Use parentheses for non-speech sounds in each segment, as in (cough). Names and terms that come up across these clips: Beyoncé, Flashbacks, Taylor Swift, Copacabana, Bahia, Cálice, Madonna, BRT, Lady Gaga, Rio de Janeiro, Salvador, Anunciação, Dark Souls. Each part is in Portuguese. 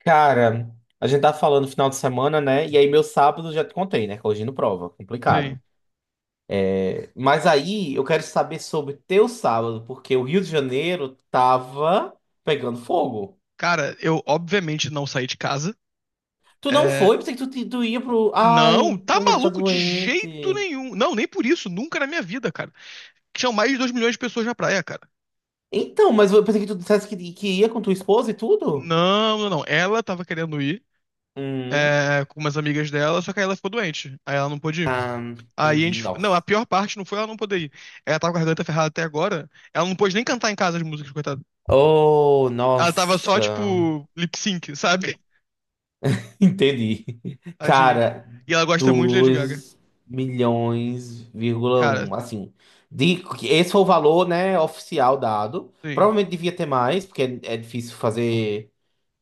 Cara, a gente tá falando final de semana, né? E aí meu sábado já te contei, né? Corrigindo prova, Sim. complicado. É, mas aí eu quero saber sobre teu sábado, porque o Rio de Janeiro tava pegando fogo. Cara, eu obviamente não saí de casa. Tu não É, foi? Pensei que tu ia pro. Ai, não, tá tua mulher tá maluco de jeito doente. nenhum. Não, nem por isso, nunca na minha vida, cara. Tinham mais de 2 milhões de pessoas na praia, cara. Então, mas eu pensei que tu dissesse que ia com tua esposa e tudo? Não, não, não. Ela tava querendo ir, Hum, com umas amigas dela, só que aí ela ficou doente. Aí ela não pôde ir. Aí a entendi, gente. Não, a nossa. pior parte não foi ela não poder ir. Ela tava com a garganta ferrada até agora. Ela não pôde nem cantar em casa as músicas, coitada. Oh, Ela tava só, nossa. tipo, lip sync, sabe? Entendi. Tadinha. Cara, E ela gosta muito de Lady Gaga. dois milhões vírgula Cara, um, assim, esse foi o valor, né, oficial dado. sim, Provavelmente devia ter mais, porque é difícil fazer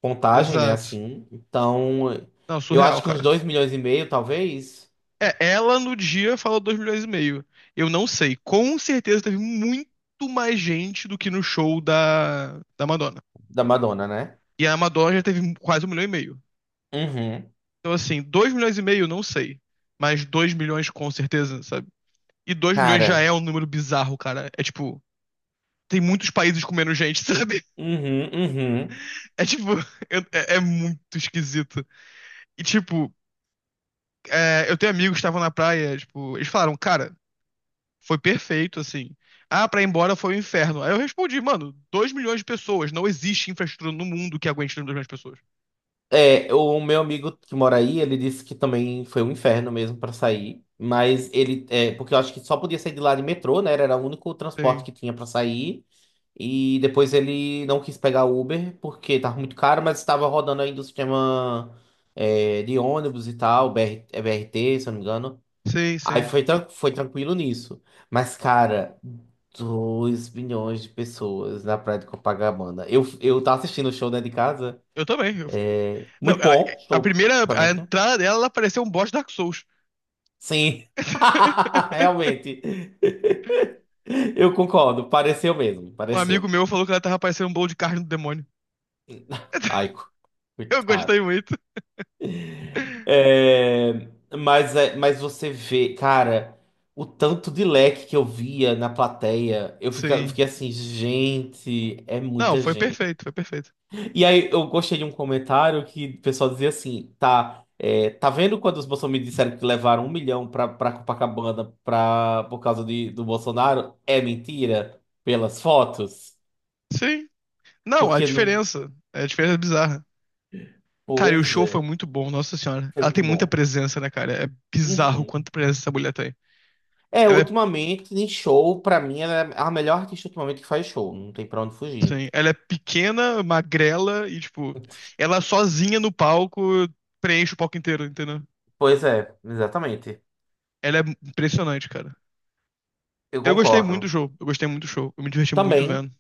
contagem, né, exato. assim. Então, Não, eu acho surreal, que uns cara. 2,5 milhões, talvez, É, ela no dia falou 2,5 milhões. Eu não sei. Com certeza teve muito mais gente do que no show da Madonna. da Madonna, né? E a Madonna já teve quase 1,5 milhão. Uhum. Então, assim, 2,5 milhões, não sei. Mas 2 milhões com certeza, sabe? E 2 milhões já é Cara, um número bizarro, cara. É tipo, tem muitos países com menos gente, (laughs) sabe? uhum, uhum. É tipo, é muito esquisito. E tipo, eu tenho amigos que estavam na praia, tipo, eles falaram, cara. Foi perfeito, assim. Ah, pra ir embora foi um inferno. Aí eu respondi, mano, 2 milhões de pessoas. Não existe infraestrutura no mundo que aguente 2 milhões de pessoas. É, o meu amigo que mora aí, ele disse que também foi um inferno mesmo pra sair, mas ele, é, porque eu acho que só podia sair de lá de metrô, né? Era o único transporte Sim, que tinha pra sair. E depois ele não quis pegar Uber porque tava muito caro, mas estava rodando ainda o sistema é, de ônibus e tal, B BR, é B R T se eu não me engano. sim, Aí sim. foi tranquilo nisso. Mas, cara, 2 milhões de pessoas na praia de Copacabana. Eu tava assistindo o show, né, de casa. Eu também. Não, Muito bom, a estou primeira, a excelente. entrada dela, ela pareceu um boss de Dark Souls. Sim, (laughs) (laughs) realmente. Eu concordo, pareceu mesmo, Um amigo pareceu. meu falou que ela tava parecendo um bolo de carne do demônio. (laughs) Ai, Eu coitado. gostei muito. É, mas você vê, cara, o tanto de leque que eu via na plateia, eu fica, eu Sim. fiquei assim, gente, é Não, muita foi gente. perfeito, foi perfeito. E aí eu gostei de um comentário que o pessoal dizia assim, tá vendo quando os bolsonaristas disseram que levaram 1 milhão pra, pra Copacabana pra, por causa de, do Bolsonaro? É mentira? Pelas fotos? Sim. Não, Porque não. A diferença é bizarra. Cara, e o Pois show foi é, muito bom, nossa senhora. foi Ela muito tem muita bom. presença, né, cara? É bizarro Uhum. quanta presença essa mulher tem. É, Ela é, ultimamente, em show, pra mim, ela é a melhor artista ultimamente que faz show. Não tem pra onde fugir. sim, ela é pequena, magrela e, tipo, ela sozinha no palco preenche o palco inteiro, entendeu? Pois é, exatamente. Ela é impressionante, cara. Eu Eu gostei muito do concordo. show, eu gostei muito do show, eu me diverti muito Também, vendo.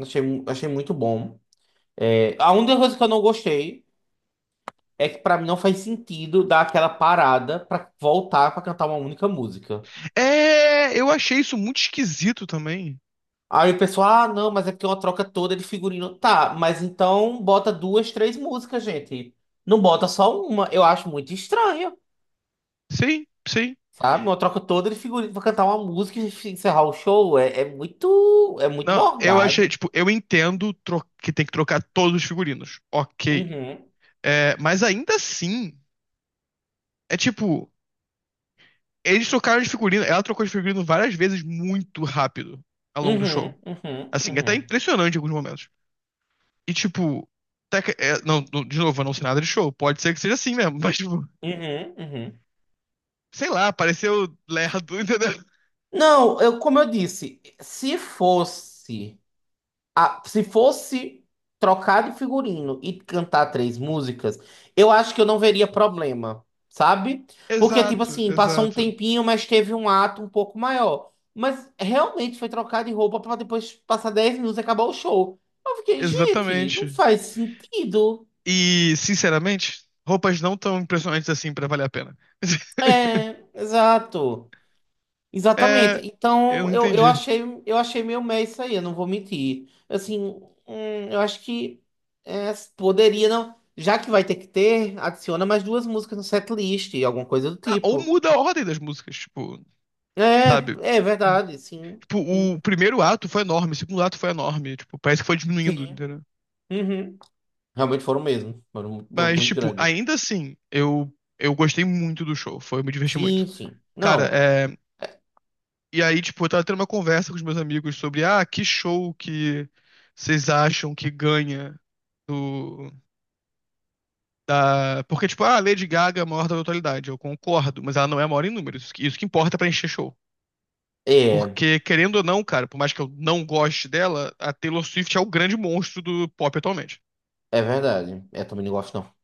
achei muito bom. É, a única coisa que eu não gostei. É que pra mim não faz sentido dar aquela parada pra voltar pra cantar uma única música. É, eu achei isso muito esquisito também. Aí o pessoal, ah, não, mas é porque é uma troca toda de figurino. Tá, mas então bota duas, três músicas, gente. Não bota só uma. Eu acho muito estranho, Sim, sim. sabe? Uma troca toda de figurino pra cantar uma música e encerrar o show. É muito Não, eu achei, morgado. tipo, eu entendo que tem que trocar todos os figurinos. Ok. Uhum, É, mas ainda assim, é tipo. Eles trocaram de figurino, ela trocou de figurino várias vezes muito rápido ao longo do uhum, show. uhum, Assim, até uhum, impressionante em alguns momentos. E tipo, até que- é, não, não- de novo, eu não sei nada de show. Pode ser que seja assim mesmo, mas tipo, uhum, uhum. sei lá, pareceu lerdo, (laughs) entendeu? Não, eu, como eu disse, se fosse. Ah, se fosse trocar de figurino e cantar três músicas, eu acho que eu não veria problema, sabe? Porque, tipo Exato, assim, passou um exato. tempinho, mas teve um ato um pouco maior. Mas realmente foi trocar de roupa pra depois passar 10 minutos e acabar o show. Eu fiquei, gente, não Exatamente. faz sentido. E, sinceramente, roupas não tão impressionantes assim pra valer a pena. (laughs) É, exato. Exatamente. É, eu Então, não eu, eu entendi. achei, eu achei meio meio isso aí, eu não vou mentir. Assim, eu acho que é, poderia, não. Já que vai ter que ter, adiciona mais duas músicas no setlist, alguma coisa do Ah, ou tipo. muda a ordem das músicas, tipo, sabe? É, é verdade, sim. Tipo, Sim. o primeiro ato foi enorme, o segundo ato foi enorme. Tipo, parece que foi diminuindo, Sim. entendeu? Uhum. Realmente foram mesmo. Foram muito, Mas, muito tipo, grandes. ainda assim, eu gostei muito do show. Foi, eu me diverti muito. Sim, sim. Cara, Não, é. E aí, tipo, eu tava tendo uma conversa com os meus amigos sobre, ah, que show que vocês acham que ganha do. Ah, porque, tipo, ah, Lady Gaga é a maior da atualidade. Eu concordo, mas ela não é a maior em números. Isso que importa pra encher show. é, Porque, querendo ou não, cara, por mais que eu não goste dela, a Taylor Swift é o grande monstro do pop atualmente. é verdade. É, também não gosto, não.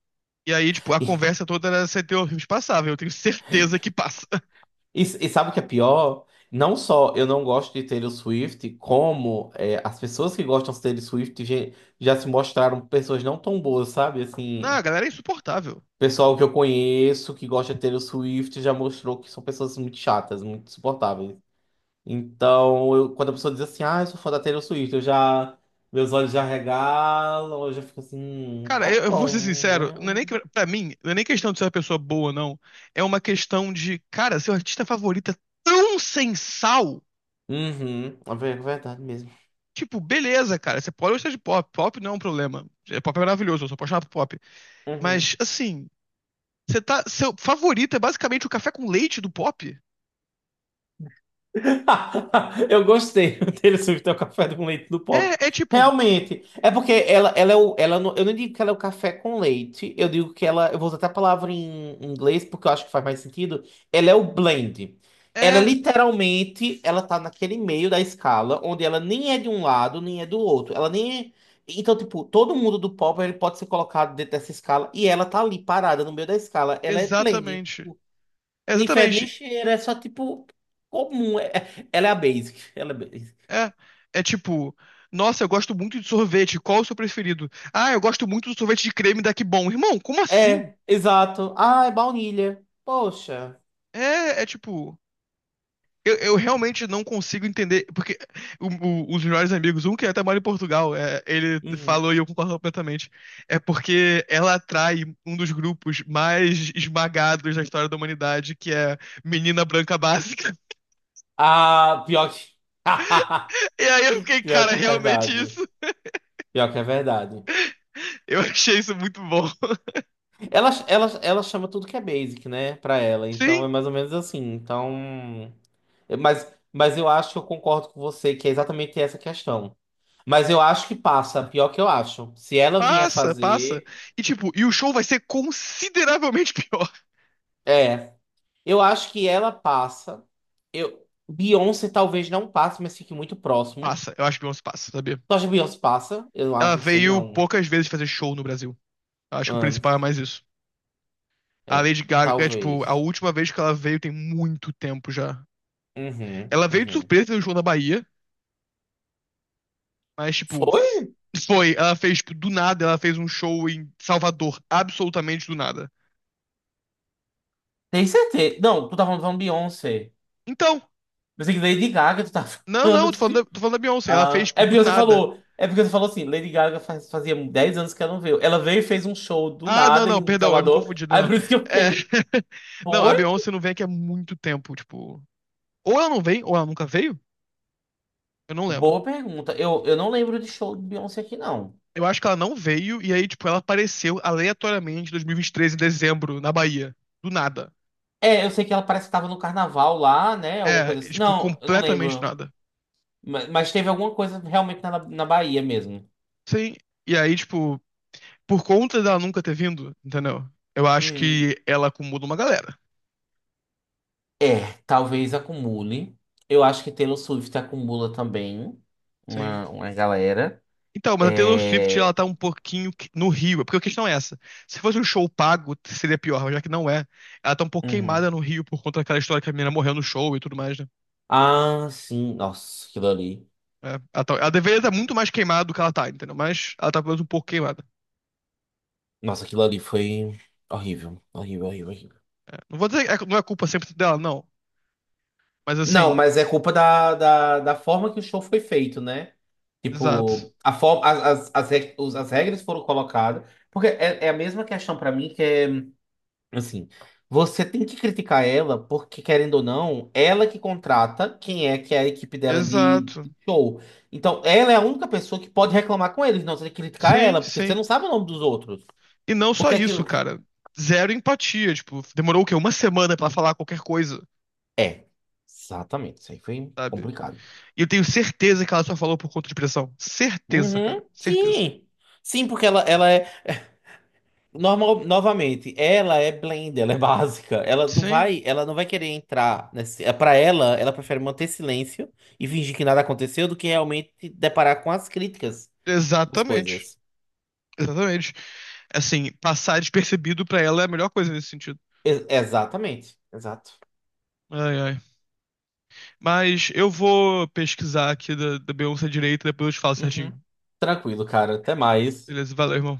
E aí, tipo, a (laughs) conversa toda era se Teor Rios passava. Eu tenho certeza que passa. (laughs) E sabe o que é pior? Não só eu não gosto de Taylor Swift, como é, as pessoas que gostam de Taylor Swift já se mostraram pessoas não tão boas, sabe? Não, a Assim, galera é insuportável. pessoal que eu conheço que gosta de Taylor Swift já mostrou que são pessoas muito chatas, muito insuportáveis. Então, quando a pessoa diz assim, ah, eu sou fã da Taylor Swift, eu já. Meus olhos já regalam, eu já fico assim, Cara, tá eu vou ser bom, sincero, né? não é nem que, pra mim, não é nem questão de ser uma pessoa boa, não. É uma questão de, cara, seu artista favorito é tão sensal. Uhum, é verdade mesmo. Tipo, beleza, cara, você pode gostar de pop. Pop não é um problema. É, pop é maravilhoso, eu sou apaixonado por pop. Uhum. Mas, assim, você tá, seu favorito é basicamente o café com leite do pop? (laughs) Eu gostei do Taylor Swift é o café com leite do pop. É, é tipo, Realmente. É porque ela é o. Ela não, eu não digo que ela é o café com leite. Eu digo que ela. Eu vou usar até a palavra em inglês, porque eu acho que faz mais sentido. Ela é o blend. Ela é, literalmente. Ela tá naquele meio da escala, onde ela nem é de um lado, nem é do outro. Ela nem é. Então, tipo, todo mundo do pop ele pode ser colocado dentro dessa escala. E ela tá ali parada no meio da escala. Ela é blend. exatamente. Nem fede, nem Exatamente. cheira, é só tipo comum. Ela é a basic. (laughs) Ela é basic. É, é tipo, nossa, eu gosto muito de sorvete, qual é o seu preferido? Ah, eu gosto muito do sorvete de creme da Que Bom. Irmão, como assim? É, exato. Ah, é baunilha. Poxa. É, é tipo, eu realmente não consigo entender, porque os melhores amigos, um que até mora em Portugal, ele Uhum. falou e eu concordo completamente, é porque ela atrai um dos grupos mais esmagados da história da humanidade, que é menina branca básica. (laughs) Ah, pior que. E aí eu (laughs) fiquei, Pior cara, é que é realmente verdade. isso. Pior que é verdade. Eu achei isso muito bom. (laughs) Ela chama tudo que é basic, né? Pra ela. Então é Sim. mais ou menos assim. Então. É, mas eu acho que eu concordo com você que é exatamente essa questão. Mas eu acho que passa. Pior que eu acho. Se ela vier Passa, passa. fazer. E tipo, o show vai ser consideravelmente (laughs) pior. É. Eu acho que ela passa. Eu, Beyoncé talvez não passe, mas fique muito próximo. Passa, eu acho que Beyoncé passa, sabia? Tu acha que Beyoncé passa? Eu não Ela acho, não sei veio não. poucas vezes fazer show no Brasil. Eu acho que o Ahn, principal é mais isso. A é, Lady Gaga, é, tipo, a talvez. última vez que ela veio tem muito tempo já. Uhum, Ela veio de uhum. surpresa no show na Bahia, mas tipo, (sniffs) Foi? foi, ela fez, tipo, do nada, ela fez um show em Salvador, absolutamente do nada. Tem certeza. Não, tu tá falando Beyoncé. Então, Pensei que Lady Gaga tu tá (laughs) não, não, falando. Tô falando da Beyoncé, ela fez, Ah, tipo, é do porque você nada. falou. É porque você falou assim, Lady Gaga fazia 10 anos que ela não veio. Ela veio e fez um show do Ah, não, nada não, em perdão, eu me Salvador. confundi, não, Aí não. por isso que eu É... fiquei. (laughs) Não, a Foi? Beyoncé não vem aqui há muito tempo, tipo. Ou ela não vem, ou ela nunca veio, eu não lembro. Boa pergunta. Eu não lembro de show de Beyoncé aqui, não. Eu acho que ela não veio, e aí, tipo, ela apareceu aleatoriamente em 2023, em dezembro, na Bahia. Do nada. É, eu sei que ela parece que tava no carnaval lá, né? Alguma É, coisa assim. tipo, Não, eu não completamente do lembro. nada. Mas teve alguma coisa realmente na Bahia mesmo. Sim. E aí, tipo, por conta dela nunca ter vindo, entendeu? Eu acho Hum. que ela acomoda uma galera. É, talvez acumule. Eu acho que Taylor Swift acumula também Sim. uma galera. Então, mas a Taylor Swift, ela É. tá um pouquinho no Rio, porque a questão é essa. Se fosse um show pago, seria pior, mas já que não é. Ela tá um pouco queimada Uhum. no Rio por conta daquela história que a menina morreu no show e tudo mais, né? Ah, sim. Nossa, aquilo ali. É, ela deveria estar muito mais queimada do que ela tá, entendeu? Mas ela tá pelo menos um pouco queimada. Nossa, aquilo ali foi horrível. Horrível, horrível, horrível. É, não vou dizer que não é culpa 100% dela, não. Mas Não, assim, mas é culpa da forma que o show foi feito, né? exato. Tipo, a forma, as regras foram colocadas. Porque é a mesma questão pra mim, que é, assim, você tem que criticar ela, porque, querendo ou não, ela que contrata quem é que é a equipe dela de, Exato. de show. Então, ela é a única pessoa que pode reclamar com eles. Não, você tem que criticar Sim, ela, porque você sim. não sabe o nome dos outros. E não só Porque aquilo. isso, cara. Zero empatia, tipo, demorou o quê? Uma semana pra falar qualquer coisa, É, exatamente. Isso aí foi sabe? complicado. E eu tenho certeza que ela só falou por conta de pressão. Certeza, cara. Uhum, Certeza. sim. Sim, porque ela é. Normal, novamente, ela é blend, ela é (laughs) básica. Ela não Sim. vai, ela não vai querer entrar nesse, é, para ela, prefere manter silêncio e fingir que nada aconteceu do que realmente se deparar com as críticas das Exatamente. coisas. Exatamente. Assim, passar despercebido pra ela é a melhor coisa nesse sentido. Exatamente, exato. Ai, ai. Mas eu vou pesquisar aqui da Beyoncé direito, depois eu te falo certinho. Uhum. Tranquilo, cara. Até mais. Beleza? Valeu, irmão.